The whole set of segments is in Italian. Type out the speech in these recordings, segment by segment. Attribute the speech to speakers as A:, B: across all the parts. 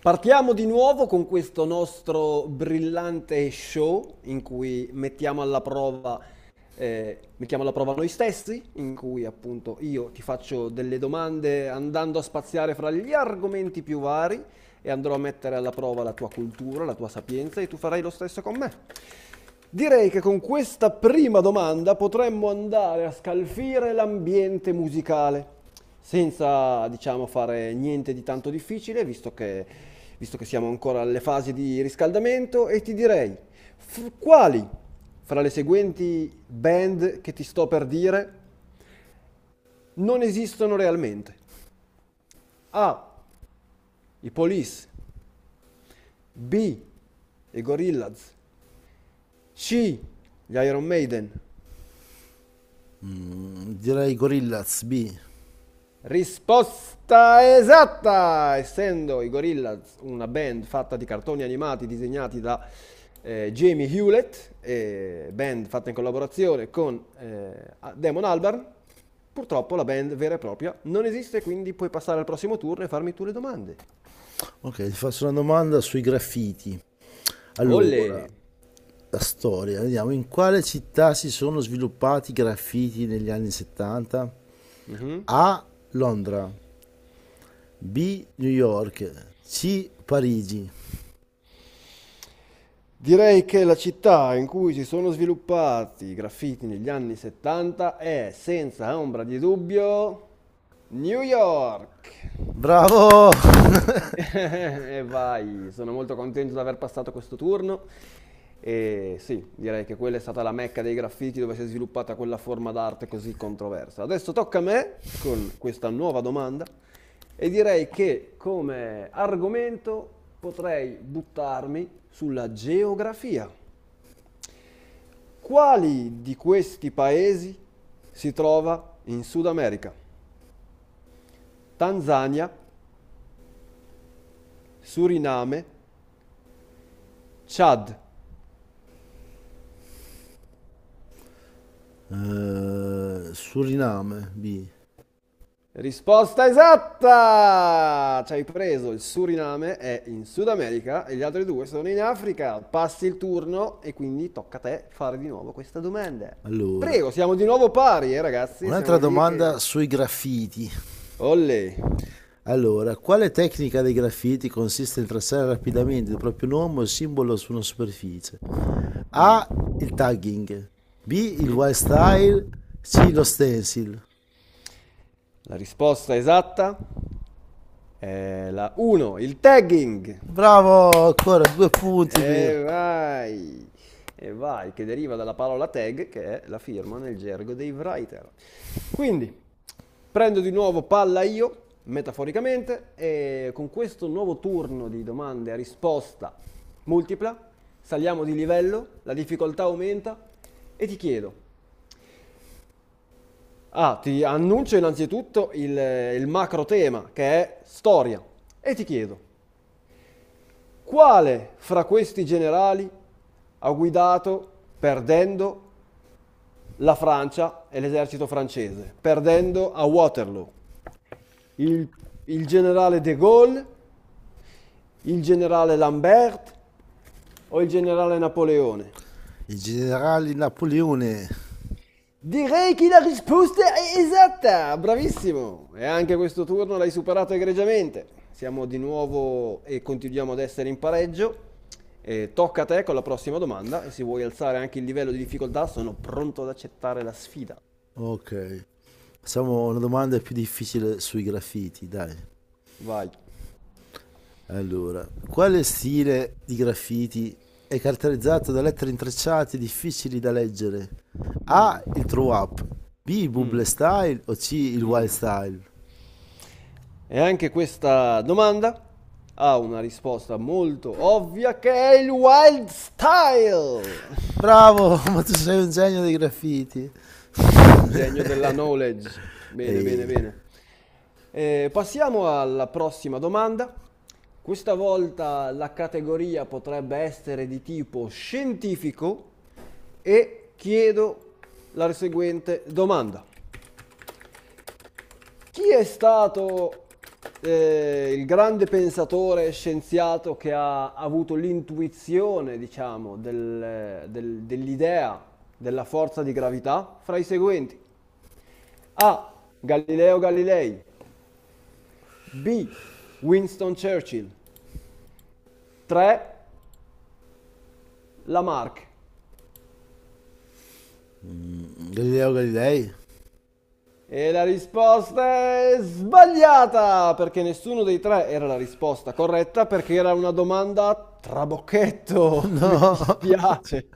A: Partiamo di nuovo con questo nostro brillante show in cui mettiamo alla prova noi stessi, in cui appunto io ti faccio delle domande andando a spaziare fra gli argomenti più vari e andrò a mettere alla prova la tua cultura, la tua sapienza e tu farai lo stesso con me. Direi che con questa prima domanda potremmo andare a scalfire l'ambiente musicale, senza, diciamo, fare niente di tanto difficile, visto che siamo ancora alle fasi di riscaldamento, e ti direi, quali fra le seguenti band che ti sto per dire non esistono realmente? A. I Police, B. I Gorillaz, C. Gli Iron Maiden.
B: Direi Gorillaz B.
A: Risposta esatta! Essendo i Gorillaz una band fatta di cartoni animati disegnati da Jamie Hewlett, band fatta in collaborazione con Damon Albarn, purtroppo la band vera e propria non esiste, quindi puoi passare al prossimo turno e farmi tu le domande.
B: Ok, ti faccio una domanda sui graffiti.
A: Olle!
B: Allora, la storia, vediamo in quale città si sono sviluppati i graffiti negli anni 70?
A: Mhm.
B: A. Londra, B. New York, C. Parigi.
A: Direi che la città in cui si sono sviluppati i graffiti negli anni 70 è, senza ombra di dubbio, New York.
B: Bravo!
A: E vai, sono molto contento di aver passato questo turno. E sì, direi che quella è stata la mecca dei graffiti dove si è sviluppata quella forma d'arte così controversa. Adesso tocca a me con questa nuova domanda e direi che come argomento potrei buttarmi sulla geografia. Quali di questi paesi si trova in Sud America? Tanzania, Suriname, Chad.
B: Suriname B.
A: Risposta esatta! Ci hai preso, il Suriname è in Sud America e gli altri due sono in Africa. Passi il turno e quindi tocca a te fare di nuovo questa domanda.
B: Allora,
A: Prego, siamo di nuovo pari, ragazzi, siamo
B: un'altra
A: lì
B: domanda
A: che...
B: sui graffiti.
A: Olle!
B: Allora, quale tecnica dei graffiti consiste nel tracciare rapidamente il proprio nome o il simbolo su una superficie? A. Il
A: Mm.
B: tagging. B. Il
A: Mhm.
B: wild style. C. Lo
A: Mhm.
B: stencil.
A: La risposta esatta è la 1, il tagging.
B: Bravo, ancora due punti per
A: E vai, e vai, che deriva dalla parola tag, che è la firma nel gergo dei writer. Quindi, prendo di nuovo palla io, metaforicamente, e con questo nuovo turno di domande a risposta multipla, saliamo di livello, la difficoltà aumenta e ti chiedo, ah, ti annuncio innanzitutto il macro tema, che è storia, e ti chiedo, quale fra questi generali ha guidato perdendo la Francia e l'esercito francese, perdendo a Waterloo? Il, il generale De Gaulle, il generale Lambert o il generale Napoleone?
B: il generale Napoleone.
A: Direi che la risposta è esatta, bravissimo! E anche questo turno l'hai superato egregiamente. Siamo di nuovo e continuiamo ad essere in pareggio. E tocca a te con la prossima domanda e se vuoi alzare anche il livello di difficoltà sono pronto ad accettare la sfida.
B: Ok, facciamo una domanda più difficile sui graffiti, dai.
A: Vai.
B: Allora, quale stile di graffiti è caratterizzato da lettere intrecciate difficili da leggere? A.
A: Mm,
B: Il throw up. B. Il bubble
A: mm,
B: style o C. Il wild
A: mm.
B: style?
A: E anche questa domanda ha una risposta molto ovvia che è il wild style.
B: Bravo, ma tu sei un genio dei graffiti.
A: Sono un genio della knowledge. Bene,
B: E
A: bene, bene. Passiamo alla prossima domanda. Questa volta la categoria potrebbe essere di tipo scientifico e chiedo la seguente domanda. Chi è stato il grande pensatore scienziato che ha avuto l'intuizione, diciamo, dell'idea della forza di gravità fra i seguenti? A. Galileo Galilei. B. Winston Churchill. 3. Lamarck.
B: Galileo Galilei?
A: E la risposta è sbagliata, perché nessuno dei tre era la risposta corretta, perché era una domanda a trabocchetto, mi
B: No,
A: dispiace.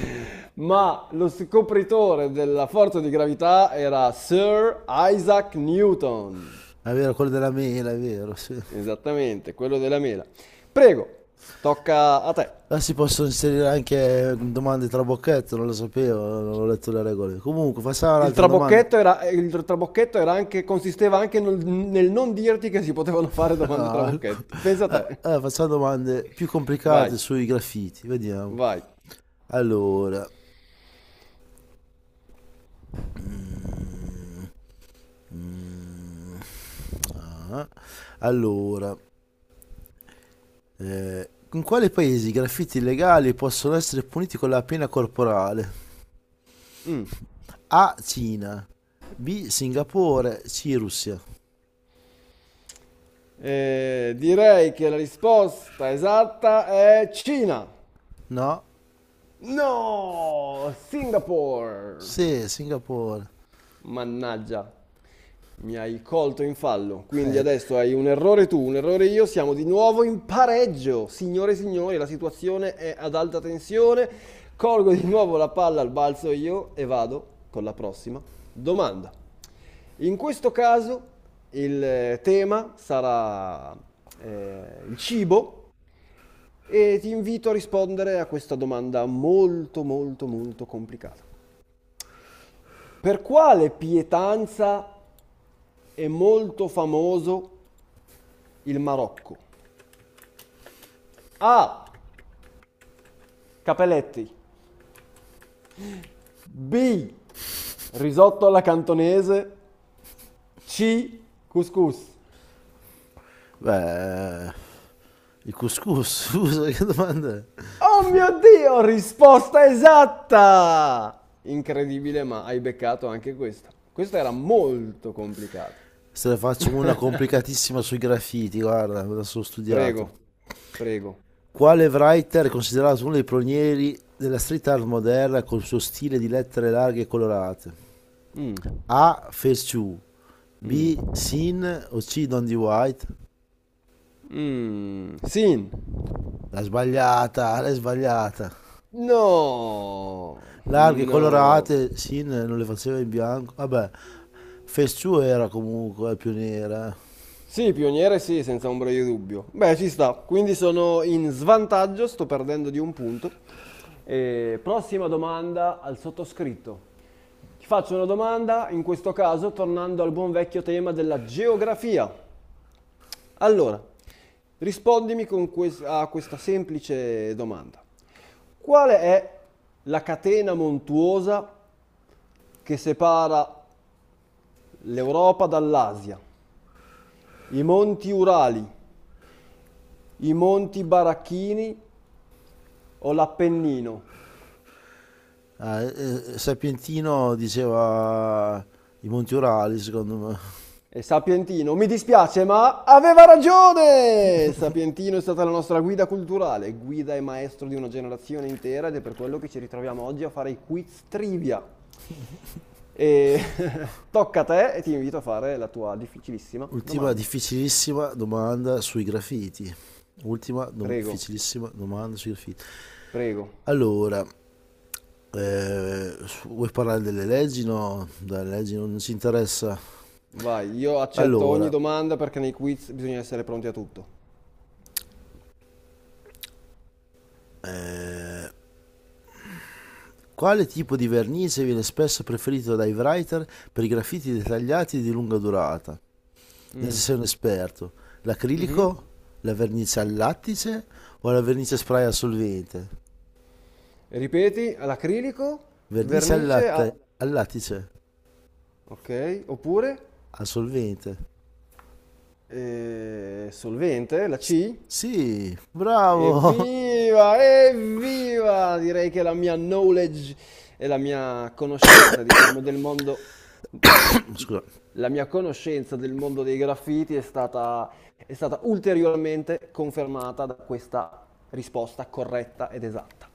A: Ma lo scopritore della forza di gravità era Sir Isaac Newton.
B: è vero, quello della mela, è vero, sì.
A: Esattamente, quello della mela. Prego, tocca a te.
B: Ah, si possono inserire anche domande tra bocchetto, non lo sapevo, non ho letto le regole. Comunque, facciamo
A: Il
B: un'altra domanda.
A: trabocchetto era, il trabocchetto era anche, consisteva anche nel non dirti che si potevano fare domande
B: Ah,
A: trabocchetti. Pensa a te.
B: facciamo domande più
A: Vai,
B: complicate sui graffiti, vediamo.
A: vai.
B: Allora, mm, mm, ah, allora, in quali paesi i graffiti illegali possono essere puniti con la pena corporale?
A: Mm.
B: A. Cina. B. Singapore. C. Russia.
A: Direi che la risposta esatta è Cina.
B: No?
A: No, Singapore.
B: Sì, Singapore.
A: Mannaggia. Mi hai colto in fallo, quindi
B: Eh,
A: adesso hai un errore tu, un errore io, siamo di nuovo in pareggio. Signore e signori, la situazione è ad alta tensione. Colgo di nuovo la palla al balzo io e vado con la prossima domanda. In questo caso il tema sarà il cibo e ti invito a rispondere a questa domanda molto molto molto complicata. Per quale pietanza è molto famoso il Marocco. A. Capelletti. B. Risotto alla cantonese. C. Couscous.
B: beh, il couscous, scusa, che domanda è?
A: Oh mio Dio, risposta esatta! Incredibile, ma hai beccato anche questa. Questa era molto complicata.
B: Se ne faccio una complicatissima sui graffiti, guarda, me la sono studiata.
A: Prego, prego.
B: Quale writer è considerato uno dei pionieri della street art moderna col suo stile di lettere larghe e colorate?
A: Mm.
B: A. Ferchu.
A: Mm.
B: B. Sin o C. Don D. White?
A: Mm. Sin.
B: L'ha sbagliata, l'hai sbagliata.
A: No,
B: Larghe,
A: no.
B: colorate, Sin non le faceva in bianco, vabbè, Fesciù era comunque più nera.
A: Sì, pioniere sì, senza ombra di dubbio. Beh, ci sta. Quindi sono in svantaggio, sto perdendo di un punto. E prossima domanda al sottoscritto. Ti faccio una domanda, in questo caso tornando al buon vecchio tema della geografia. Allora, rispondimi con a questa semplice domanda. Qual è la catena montuosa che separa l'Europa dall'Asia? I monti Urali, i Monti Baracchini o l'Appennino.
B: Sapientino diceva i Monti Urali secondo me.
A: E Sapientino, mi dispiace, ma aveva ragione! Sapientino è stata la nostra guida culturale, guida e maestro di una generazione intera ed è per quello che ci ritroviamo oggi a fare i quiz trivia. E tocca a te e ti invito a fare la tua difficilissima
B: Ultima
A: domanda.
B: difficilissima domanda sui graffiti, ultima
A: Prego,
B: difficilissima domanda sui graffiti.
A: prego.
B: Allora, vuoi parlare delle leggi? No, delle leggi non ci interessa.
A: Vai, io accetto ogni
B: Allora,
A: domanda perché nei quiz bisogna essere pronti a tutto.
B: eh, quale tipo di vernice viene spesso preferito dai writer per i graffiti dettagliati di lunga durata? Già se
A: Mm.
B: sei un esperto.
A: Mhm.
B: L'acrilico, la vernice al lattice o la vernice spray al solvente?
A: Ripeti, all'acrilico,
B: Vernice al
A: vernice a...
B: latte, al lattice,
A: Ok, oppure
B: al solvente.
A: solvente, la
B: S-
A: C.
B: Sì, bravo.
A: Evviva, evviva! Direi che la mia knowledge e la mia conoscenza, diciamo, del mondo...
B: Scusa.
A: La mia conoscenza del mondo dei graffiti è stata ulteriormente confermata da questa risposta corretta ed esatta.